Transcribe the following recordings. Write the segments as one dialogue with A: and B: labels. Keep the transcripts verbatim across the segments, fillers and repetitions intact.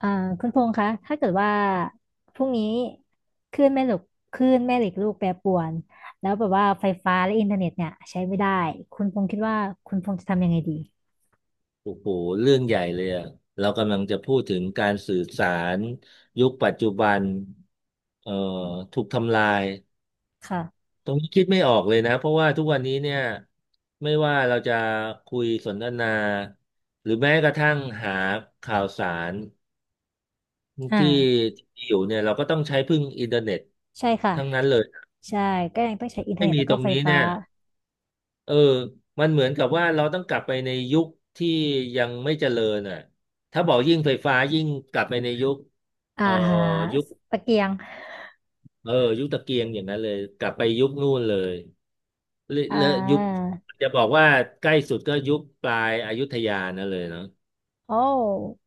A: อ่าคุณพงษ์คะถ้าเกิดว่าพรุ่งนี้คลื่นแม่เหล็กคลื่นแม่เหล็กลูกแปรปรวน แล้วแบบว่าไฟฟ้าและอินเทอร์เน็ตเนี่ยใช้ไม่ได้ คุณพงษ์คิดว่าคุณพงษ์จะทำยังไงดี
B: โอ้โหเรื่องใหญ่เลยอะเรากำลังจะพูดถึงการสื่อสารยุคปัจจุบันเอ่อถูกทำลาย
A: ค่ะ
B: ตรงนี้คิดไม่ออกเลยนะเพราะว่าทุกวันนี้เนี่ยไม่ว่าเราจะคุยสนทนาหรือแม้กระทั่งหาข่าวสาร
A: อ่า
B: ที่ที่อยู่เนี่ยเราก็ต้องใช้พึ่งอินเทอร์เน็ต
A: ใช่ค่ะ
B: ทั้งนั้นเลย
A: ใช่ก็ยังต้องใช้อินเทอร์
B: ไม่
A: เน็ต
B: มี
A: แล้ว
B: ตร
A: ก็
B: ง
A: ไฟ
B: นี้
A: ฟ้า
B: เนี่ย เออมันเหมือนกับว่าเราต้องกลับไปในยุคที่ยังไม่เจริญอ่ะถ้าบอกยิ่งไฟฟ้ายิ่งกลับไปในยุคเอ่
A: อ่า
B: อยุค
A: ตะเกียง
B: เออยุคตะเกียงอย่างนั้นเลย กลับไปยุคนู่นเลยและ
A: อ่
B: และยุค
A: า
B: จะบอกว่าใกล้สุดก็ยุคปลายอยุธยานั่นเลยเนาะ
A: โอ้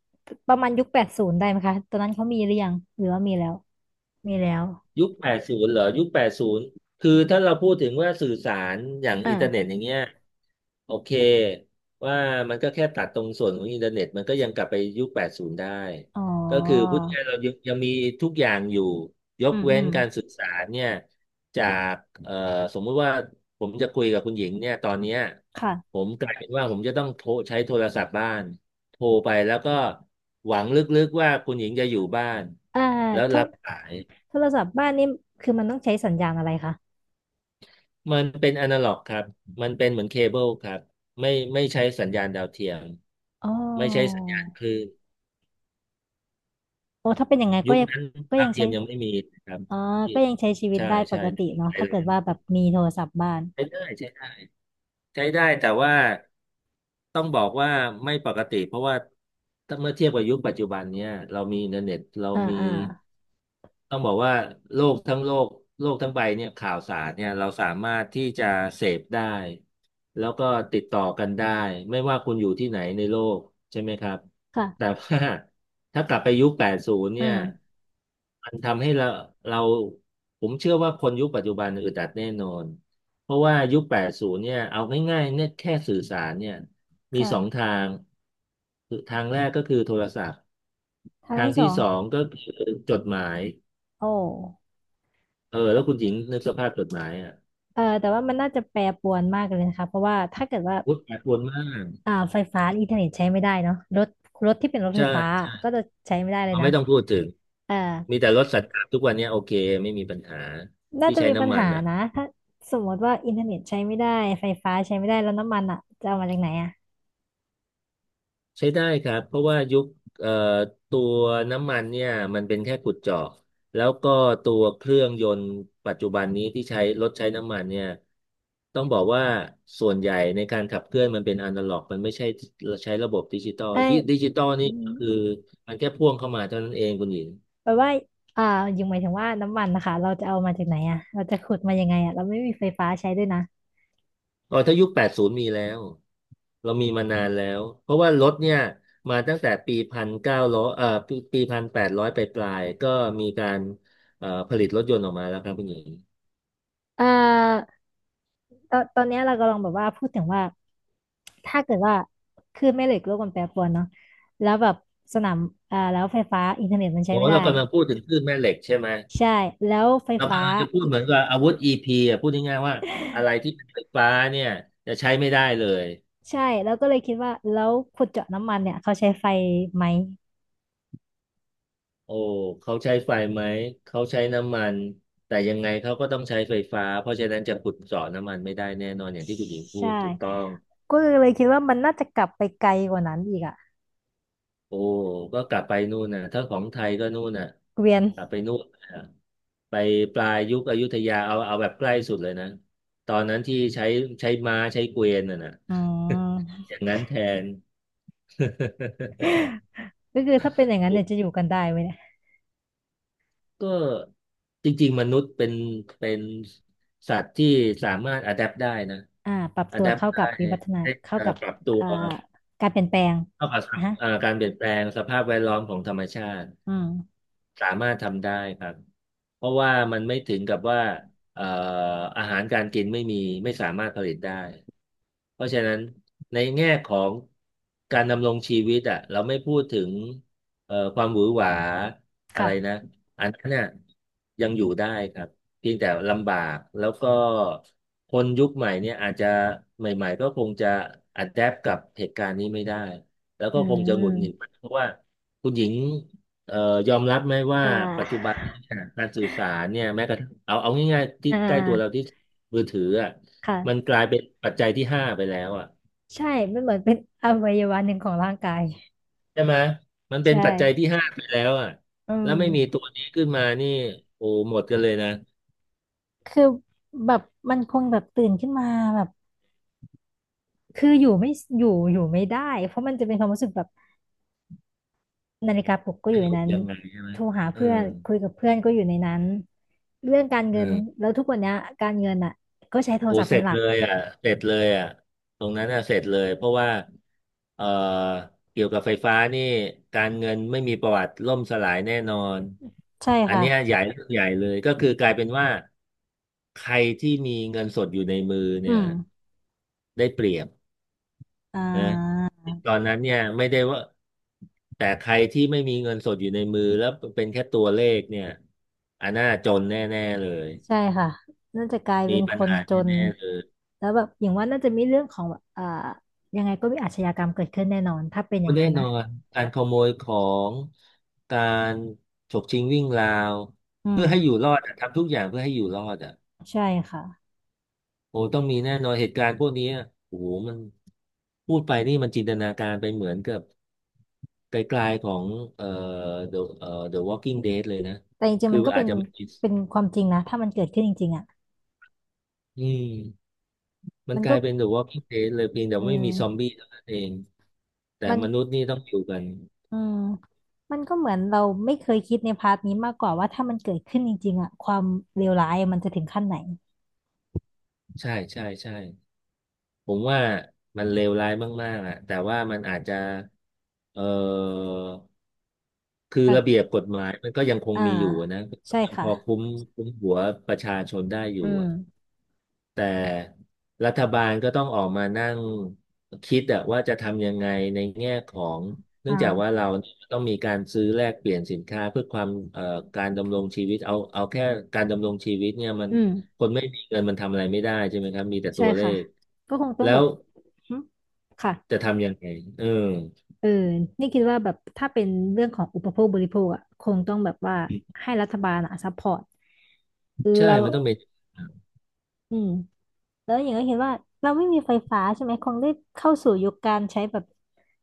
A: ประมาณยุคแปดศูนย์ได้ไหมคะตอนนั้นเขามีหรือยัง หรือว่ามีแล้วมีแล้ว
B: ยุคแปดสิบเหรอยุคแปดศูนคือถ้าเราพูดถึงว่าสื่อสารอย่างอินเทอร์เน็ต
A: อ่า
B: อย่างเงี้ยโอเคว่ามันก็แค่ตัดตรงส่วนของอินเทอร์เน็ตมันก็ยังกลับไปยุคแปดสิบได้
A: อ๋อ
B: ก็คือพูดง่ายๆเรายังยังมีทุกอย่างอยู่ย
A: อื
B: ก
A: ม
B: เว้
A: อื
B: น
A: ม
B: การสื่อสารเนี่ยจากเอ่อสมมุติว่าผมจะคุยกับคุณหญิงเนี่ยตอนเนี้ยผ
A: ค่ะ
B: มกลายเป็นว่าผมจะต้องโทรใช้โทรศัพท์บ้านโทรไปแล้วก็หวังลึกๆว่าคุณหญิงจะอยู่บ้าน
A: อ่า
B: แล้ว
A: โทร
B: รับสาย
A: โทรศัพท์บ้านนี่คือมันต้องใช้สัญญาณอะไรคะ
B: มันเป็นอนาล็อกครับ มันเป็นเหมือนเคเบิลครับไม่ไม่ใช้สัญญาณดาวเทียม
A: อ๋อ
B: ไม่ใช้สัญญาณคลื่น
A: โอ้ถ้าเป็นอย่างไง
B: ยุ
A: ก็
B: ค
A: ยัง
B: นั้น
A: ก็
B: ดา
A: ยั
B: ว
A: ง
B: เที
A: ใช้
B: ยมยังไม่มีนะครับ
A: อ๋อ
B: ที่
A: ก็ยังใช้ชีวิต
B: ใช่
A: ได้ป
B: ใช่
A: ก
B: ใน
A: ติ
B: เมือง
A: เนาะ
B: ไทย
A: ถ้า
B: เรา
A: เกิด
B: ยัง
A: ว่า
B: ไม่
A: แบบ
B: มี
A: มีโทรศัพท์บ้าน
B: ใช้ได้ใช้ได้ ใช้ได้แต่ว่าต้องบอกว่าไม่ปกติเพราะว่าถ้าเมื่อเทียบกับยุคปัจจุบันเนี้ยเรามีอินเทอร์เน็ตเรา
A: อ่า
B: มี
A: อ่า
B: ต้องบอกว่าโลกทั้งโลกโลกทั้งใบเนี่ยข่าวสารเนี่ยเราสามารถที่จะเสพได้แล้วก็ติดต่อกันได้ไม่ว่าคุณอยู่ที่ไหนในโลกใช่ไหมครับแต่
A: ค่ะ
B: ว่าถ้ากลับไปยุคแปดสิบ
A: อื
B: เนี่ย
A: ม
B: มันทำให้เราเราผมเชื่อว่าคนยุคปัจจุบันอึดอัดแน่นอน เพราะว่ายุค แปดสิบเนี่ยเอาง่ายๆเนี่ยแค่สื่อสารเนี่ยมีสอง
A: ค่ะ
B: ทางคือทางแรกก็คือโทรศัพท์
A: ทาง
B: ทาง
A: ที่ส
B: ที่
A: อง
B: สองก็คือจดหมาย
A: โอ้
B: เออแล้วคุณหญิงนึกสภาพจดหมายอ่ะ
A: เออแต่ว่ามันน่าจะแปรปรวนมากเลยนะคะเพราะว่าถ้าเกิดว่า
B: วุฒิแปดปรวนมาก
A: อ่าไฟฟ้าอินเทอร์เน็ตใช้ไม่ได้เนาะรถรถที่เป็นรถไฟ
B: ใช่
A: ฟ้า
B: ใช่
A: ก็จะใช้ไม่ได้เล
B: เรา
A: ยนะ
B: ไม่ต้องพูดถึง
A: เออ
B: มีแต่รถสัตว์ทุกวันเนี้ยโอเค ไม่มีปัญหา
A: น่า
B: ที่
A: จะ
B: ใช้
A: มีปัญ
B: น้ำมัน
A: หา
B: อ่ะ
A: นะถ้าสมมติว่าอินเทอร์เน็ตใช้ไม่ได้ไฟฟ้าใช้ไม่ได้แล้วน้ำมันอ่ะจะเอามาจากไหนอ่ะ
B: ใช้ได้ครับเพราะว่ายุคเอ่อตัวน้ำมันเนี่ยมันเป็นแค่ขุดเจาะแล้วก็ตัวเครื่องยนต์ปัจจุบันนี้ที่ใช้รถใช้น้ำมันเนี่ยต้องบอกว่าส่วนใหญ่ในการขับเคลื่อนมันเป็นอนาล็อกมันไม่ใช่ใช้ระบบดิจิตอล
A: เอ้
B: ดิ
A: ย
B: ดิจิตอล
A: อื
B: นี่ก็
A: ม
B: คือมันแค่พ่วงเข้ามาเท่านั้นเองคุณหญิง
A: แปลว่าอ่ายังหมายถึงว่าน้ำมันนะคะเราจะเอามาจากไหนอ่ะเราจะขุดมายังไงอ่ะเราไม่มีไฟฟ้าใช้ด้วยนะ
B: อ๋อถ้ายุคแปดศูนย์มีแล้วเรามีมานานแล้วเพราะว่ารถเนี่ยมาตั้งแต่ปีพันเก้าร้อยเอ่อปีปีพันแปดร้อยไปปลายๆก็มีการเอ่อผลิตรถยนต์ออกมาแล้วครับคุณหญิง
A: เอ่อตอนตอนเนี้ยเรากำลังแบบว่าพูดถึงว่าถ้าเกิดว่าคลื่นแม่เหล็กโลกมันแปรปรวนเนาะแล้วแบบสนามอ่าแล้วไฟฟ้าอินเทอร์เน็ตมันใช้
B: โอ้
A: ไม่ได้
B: เรากำลังพูดถึงคลื่นแม่เหล็กใช่ไหม
A: ใช่แล้วไฟ
B: เรา
A: ฟ้า
B: กำลังจะพูด
A: อิ
B: เหมือนกับอาวุธ อี พี อ่ะพูดง่ายๆว่าอะไรที่เป็นไฟฟ้าเนี่ยจะใช้ไม่ได้เลย
A: ใช่แล้วก็เลยคิดว่าแล้วขุดเจาะน้ำมันเนี่ยเขาใช้ไฟไหม
B: โอ้เขาใช้ไฟไหมเขาใช้น้ำมันแต่ยังไงเขาก็ต้องใช้ไฟฟ้าเพราะฉะนั้นจะขุดเจาะน้ำมันไม่ได้แน่นอนอย่างที่คุณหญิงพู
A: ใช่
B: ดถูกต้อง
A: ก็เลยคิดว่ามันน่าจะกลับไปไกลกว่านั้นอีกอะ
B: โอ้ก็กลับไปนู่นน่ะถ้าของไทยก็นู่นน่ะ
A: เกวียน
B: กลับไปนู่นน่ะไปปลายยุคอยุธยาเอาเอาแบบใกล้สุดเลยนะตอนนั้นที่ใช้ใช้ม้าใช้เกวียนน่ะนะ
A: อืม
B: อย่างนั้นแทน
A: ก็คือถ้าเป็นอย่างนั้นเนี่ยจะอ ยู่กันได้ไหมเนี่ย
B: ก็จริงๆมนุษย์เป็นเป็นสัตว์ที่สามารถอะแดปได้นะ
A: อ่าปรับ
B: อะ
A: ตัว
B: แดป
A: เข้า
B: ได้
A: กับวิวัฒนา
B: ให้
A: เข้า
B: เอ่อ
A: กับ
B: ปรับตัว
A: อ่าการเปลี่ยนแปลง
B: เท่ากั
A: อ่ะ
B: บ
A: ฮะ
B: เอ่อการเปลี่ยนแปลงสภาพแวดล้อมของธรรมชาติ
A: อืม
B: สามารถทำได้ครับเพราะว่ามันไม่ถึงกับว่าเอ่ออาหารการกินไม่มีไม่สามารถผลิตได้ เพราะฉะนั้นในแง่ของการดำรงชีวิตอ่ะเราไม่พูดถึงเอ่อความหวือหวาอะไร
A: ค่ะ
B: นะอันนั้นน่ะยังอยู่ได้ครับเพียงแต่ลำบากแล้วก็คนยุคใหม่เนี่ยอาจจะใหม่ๆก็คงจะ adapt กับเหตุการณ์นี้ไม่ได้ แล้ว
A: อื
B: ก็คงจะหงุดหงิด
A: ม
B: เพราะว่าคุณหญิงเอ่อยอมรับไหมว่า
A: อ่า
B: ปัจจุบันนี้เนี่ยการสื่อสารเนี่ยแม้กระทั่งเอาเอาง่ายๆที่
A: อ่
B: ใกล้ตัวเรา
A: า
B: ที่มือถืออ่ะ
A: ค่ะ
B: มันกลายเป็นปัจจัยที่ห้าไปแล้วอ่ะ
A: ใช่มันเหมือนเป็นอวัยวะหนึ่งของร่างกาย
B: ใช่ไหมมันเป็น
A: ใช่
B: ปัจจัยที่ห้าไปแล้วอ่ะ
A: อื
B: แล้วไม่มีตั
A: ม
B: วนี้ขึ้นมานี่โอ้หมดกันเลยนะ
A: คือแบบมันคงแบบตื่นขึ้นมาแบบคืออยู่ไม่อยู่อยู่ไม่ได้เพราะมันจะเป็นความรู้สึกแบบ นาฬิกาปลุกก็อ
B: จะ
A: ยู่
B: อ
A: ใน
B: ยู่
A: นั้น
B: ยังไงใช่ไหม
A: โทรหา
B: เออ
A: เพื่อนคุยกับเพื่อนก็อยู่ในนั้นเรื่องการ
B: เอ
A: เงิน
B: อ
A: แล้วทุกวันเนี้ยการเงินอ่ะก็ใช้โทร
B: โอ้
A: ศัพท์
B: เส
A: เป็น
B: ร็จ
A: หลั
B: เล
A: ก
B: ยอ่ะเสร็จเลยอ่ะตรงนั้นอ่ะเสร็จเลยเพราะว่าเอ่อเกี่ยวกับไฟฟ้านี่การเงินไม่มีประวัติล่มสลายแน่นอน
A: ใช่
B: อัน
A: ค่ะ
B: เนี้ยใหญ่เรื่องใหญ่เลยก็คือกลายเป็นว่าใครที่มีเงินสดอยู่ในมือ
A: อื
B: เนี่ย
A: ม
B: ได้เปรียบ
A: อ่
B: นะ
A: า
B: ตอนนั้นเนี่ยไม่ได้ว่าแต่ใครที่ไม่มีเงินสดอยู่ในมือแล้วเป็นแค่ตัวเลขเนี่ยอันน่าจนแน่ๆเลย
A: ใช่ค่ะน่าจะกลายเป็
B: มี
A: นค
B: ปัญ
A: น
B: หา
A: จน
B: แน่ๆเลย
A: แล้วแบบอย่างว่าน่าจะมีเรื่องของแบบเอ่อยังไงก็มีอาชญากรรมเกิดขึ้นแน่นอนถ้าเป็นอย่าง
B: แน่
A: นั้น
B: น
A: นะ
B: อนการขโมยของการฉกชิงวิ่งราว
A: อื
B: เพื่อให้อยู่
A: ม
B: รอดอะทำทุกอย่างเพื่อให้อยู่รอดอ่ะ
A: ใช่ค่ะ
B: โอ้ต้องมีแน่นอนเหตุการณ์พวกนี้อะโอ้โหมันพูดไปนี่มันจินตนาการไปเหมือนกับไกลๆของเอ่อ The เอ่อ The Walking Dead เลยนะ
A: แต่จริงๆ
B: คือ
A: มันก็
B: อา
A: เป็
B: จ
A: น
B: จะไม่
A: เป็นความจริงนะถ้ามันเกิดขึ้นจริงๆอ่ะ
B: อืมมัน
A: มัน
B: ก
A: ก็
B: ลายเป็น The Walking Dead เลยเพียงแต่
A: อื
B: ไม่มีซอม
A: ม
B: บี้เท่านั้นเองแต่
A: มัน
B: มนุษย์นี่ต้องอยู่กัน
A: อืมมันก็เหมือนเราไม่เคยคิดในพาร์ทนี้มากกว่าว่าถ้ามันเกิดขึ้นจริงๆอะความเลวร้ายมันจะถึงขั้นไหน
B: ใช่ใช่ใช่ ผมว่ามันเลวร้ายมากๆอะแต่ว่ามันอาจจะเอ่อคือระเบีย
A: อ่ะ
B: บกฎหมายมันก็ยังคง
A: อ่า
B: มีอยู่อะนะก็
A: ใช่
B: ยังพ
A: ค่ะ
B: อคุ้มคุ้มหัวประชาชนได้อ
A: อื
B: ยู่
A: ม
B: อะแต่รัฐบาลก็ต้องออกมานั่งคิดอะว่าจะทำยังไงในแง่ของ
A: อ
B: เนื่องจากว่า
A: ่า
B: เราเนี่ยต้องมีการซื้อแลกเปลี่ยนสินค้าเพื่อความเอ่อการดำรงชีวิตเอาเอาแค่การดำรงชีวิตเนี่ยมัน
A: อื
B: ค
A: ม
B: นไม่มีเงินมันทำอะไรไม่ได้ใช่ไหมครับมีแต่ตั
A: ใช่
B: วเล
A: ค่ะ
B: ข
A: ก็คงต้อง
B: แล้
A: แบ
B: ว
A: บหึค่ะ
B: จะทำยังไงเออ
A: เออนี่คิดว่าแบบถ้าเป็นเรื่องของอุปโภคบริโภคอะคงต้องแบบว่าให้รัฐบาลอะซัพพอร์ต
B: ใช่
A: แล้ว
B: มันต้องเป็น
A: อืมแล้วอย่างก็เห็นว่าเราไม่มีไฟฟ้าใช่ไหมคงได้เข้าสู่ยุคการใช้แบบ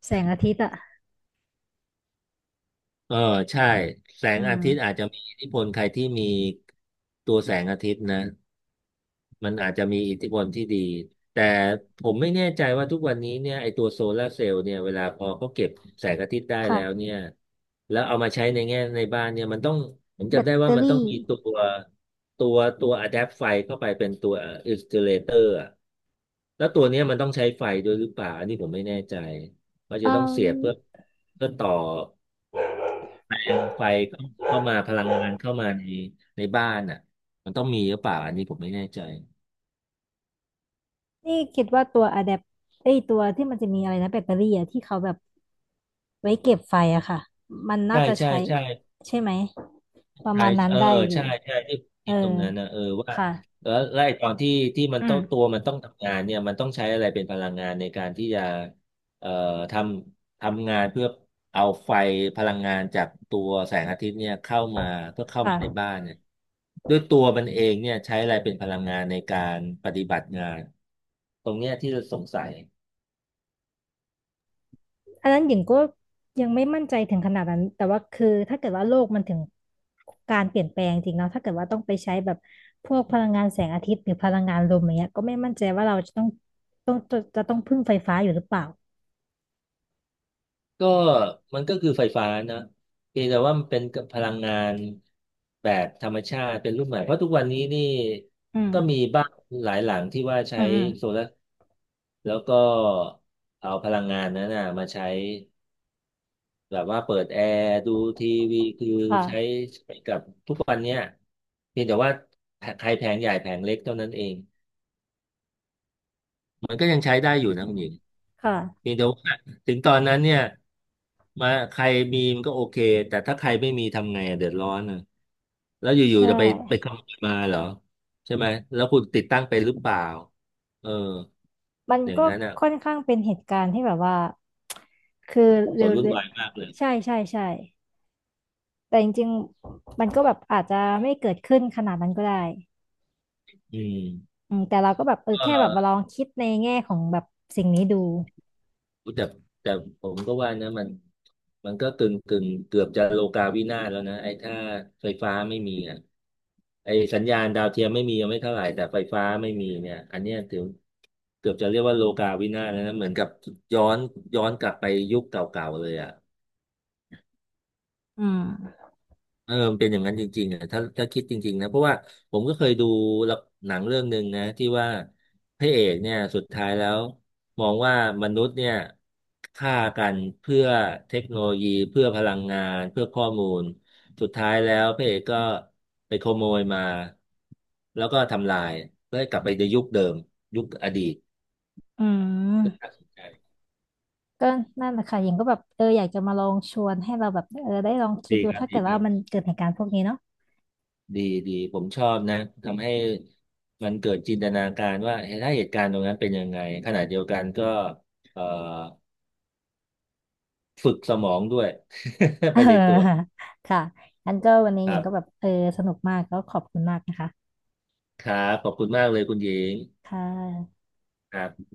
A: แสงอาทิตย์อะ
B: เออใช่ แสง
A: อื
B: อา
A: ม
B: ทิตย์อาจจะมีอิทธิพลใครที่มีตัวแสงอาทิตย์นะ มันอาจจะมีอิทธิพลที่ดี แต่ผมไม่แน่ใจว่าทุกวันนี้เนี่ยไอตัวโซลาร์เซลล์เนี่ยเวลาพอเขาเก็บแสงอาทิตย์ได้แล้ว
A: ค่ะ
B: เนี่ยแล้วเอามาใช้ในแง่ในบ้านเนี่ยมันต้องผม
A: แบ
B: จำ
A: ต
B: ได้
A: เต
B: ว่า
A: อ
B: มันต้อง
A: รี่
B: มีตัวตัวตัวอะแดปไฟเข้าไปเป็นตัวอินส u เลเตอร์แล้วตัวเนี้ยมันต้องใช้ไฟด้วยหรือเปล่าอันนี้ผมไม่แน่ใจว่า
A: อื
B: จะต้องเสียบเพื่อ
A: ม
B: เพื่อต่อไฟเข้าเข้ามาพลังงานเข้ามาในในบ้านอ่ะมันต้องมีหรือเปล่าอันนี้ผมไม่แน่ใจ
A: นี่คิดว่าตัวอะแดปไอยตัวที่มันจะมีอะไรนะแบตเตอรี่อะที่เขาแบบไว้เก็บไฟอะค่ะมันน่า
B: ใช่
A: จะ
B: ใช่
A: ใช้
B: ใช่
A: ใช่ไหมประ
B: ใช่
A: มาณนั้น
B: เออ
A: ได้อยู่
B: ใช่ใช่ที่ผม
A: เอ
B: คิ
A: อ
B: ดตรงนั้นนะเออว่า
A: ค่ะ
B: แล้วแล้วไอ้ตอนที่ที่มัน
A: อื
B: ต้อ
A: ม
B: งตัวมันต้องทำงานเนี่ยมันต้องใช้อะไรเป็นพลังงานในการที่จะเอ่อทำทำงานเพื่อเอาไฟพลังงานจากตัวแสงอาทิตย์เนี่ยเข้ามาเพื่อเข้า
A: ค่ะ
B: มาในบ้านเนี่ยด้วยตัวมันเองเนี่ยใช้อะไรเป็นพลังงานในการปฏิบัติงานตรงเนี้ยที่เราสงสัย
A: อันนั้นหญิงก็ยังไม่มั่นใจถึงขนาดนั้นแต่ว่าคือถ้าเกิดว่าโลกมันถึงการเปลี่ยนแปลงจริงเนาะถ้าเกิดว่าต้องไปใช้แบบพวกพลังงานแสงอาทิตย์หรือพลังงานลมอย่างเงี้ยก็ไม่มั่นใจว่าเราจะต้องต้องจะจะต้องพึ่งไฟฟ้าอยู่หรือเปล่า
B: ก็มันก็คือไฟฟ้านะเพียงแต่ว่ามันเป็นพลังงานแบบธรรมชาติเป็นรูปใหม่เพราะทุกวันนี้นี่
A: อื
B: ก็มี
A: ม
B: บ้านหลายหลังที่ว่าใช้
A: อืมอืม
B: โซลาร์แล้วก็เอาพลังงานนั้นนะมาใช้แบบว่าเปิดแอร์ดูทีวีคือ
A: ค่ะ
B: ใช้ใช้กับทุกวันเนี้ยเพียงแต่ว่าแผใครแผงใหญ่แผงเล็กเท่านั้นเอง มันก็ยังใช้ได้อยู่นะคุณหญิง
A: ค่ะ
B: เพียงแต่ว่าถึงตอนนั้นเนี่ยมาใครมีมันก็โอเคแต่ถ้าใครไม่มีทำไงอะเดือดร้อนนะแล้วอยู่
A: ใช่
B: ๆจะไปไปขโมยมาเหรอใช่ไหมแล้วคุณติดตั้งไปหรือเปล่าเออ
A: มัน
B: อย่าง
A: ก็
B: นั้นอ่ะ
A: ค่อนข้างเป็นเหตุการณ์ที่แบบว่า คือ
B: สับส
A: เร็
B: น
A: ว
B: วุ่นวายมากเลย
A: ๆใช่ใช่ใช่แต่จริงๆมันก็แบบอาจจะไม่เกิดขึ้นขนาดนั้นก็ได้
B: อืม
A: อืม แต่เราก็แบบเออ
B: เ
A: แค่แบบมาล
B: ออ
A: องคิดในแง่ของแบบสิ่งนี้ดู
B: อุ๊ยแต่แต่ผมก็ว่านะมันมันก็กึ่งกึ่งเกือบจะโลกาวินาศแล้วนะไอ้ถ้าไฟฟ้าไม่มีอ่ะไอ้สัญญาณดาวเทียมไม่มียังไม่เท่าไหร่แต่ไฟฟ้าไม่มีเนี่ยอันเนี้ยถือเกือบจะเรียกว่าโลกาวินาศแล้วนะเหมือนกับย้อนย้อนกลับไปยุคเก่าๆเลยอ่ะ
A: อืม
B: เออมันเป็นอย่างนั้นจริงๆอ่ะถ้าถ้าคิดจริงๆนะเพราะว่าผมก็เคยดูละหนังเรื่องหนึ่งนะที่ว่าพระเอกเนี่ยสุดท้ายแล้วมองว่ามนุษย์เนี่ยฆ่ากันเพื่อเทคโนโลยีเพื่อพลังงานเพื่อข้อมูลสุดท้ายแล้วพระเอกก็ไปขโมยมาแล้วก็ทำลายเพื่อให้กลับไปในยุคเดิมยุคอดีต
A: อืม
B: น่าสนใจ
A: ก็นั่นแหละค่ะหญิงก็แบบเอออยากจะมาลองชวนให้เราแบบเออได้ลองคิด
B: ดี
A: ดู
B: ครับ
A: ถ้า
B: ดี
A: เกิด
B: ค
A: ว่า
B: รับ
A: มันเกิดเหตุการณ์พวกนี้เนาะ
B: ดีดีผมชอบนะทำให้มันเกิดจินตนาการว่าเฮ้ยถ้าเหตุการณ์ตรงนั้นเป็นยังไงขณะเดียวกันก็เอ่อฝึกสมองด้วย ไปในตัว
A: เออค่ะงั้นก็วันนี้
B: ค
A: หญิ
B: รั
A: งก็แบบ
B: บ
A: เออสนุกมากก็ขอบคุณมากนะคะ
B: ครับขอบคุณมากเลยคุณหญิง
A: ค่ะ
B: ครับ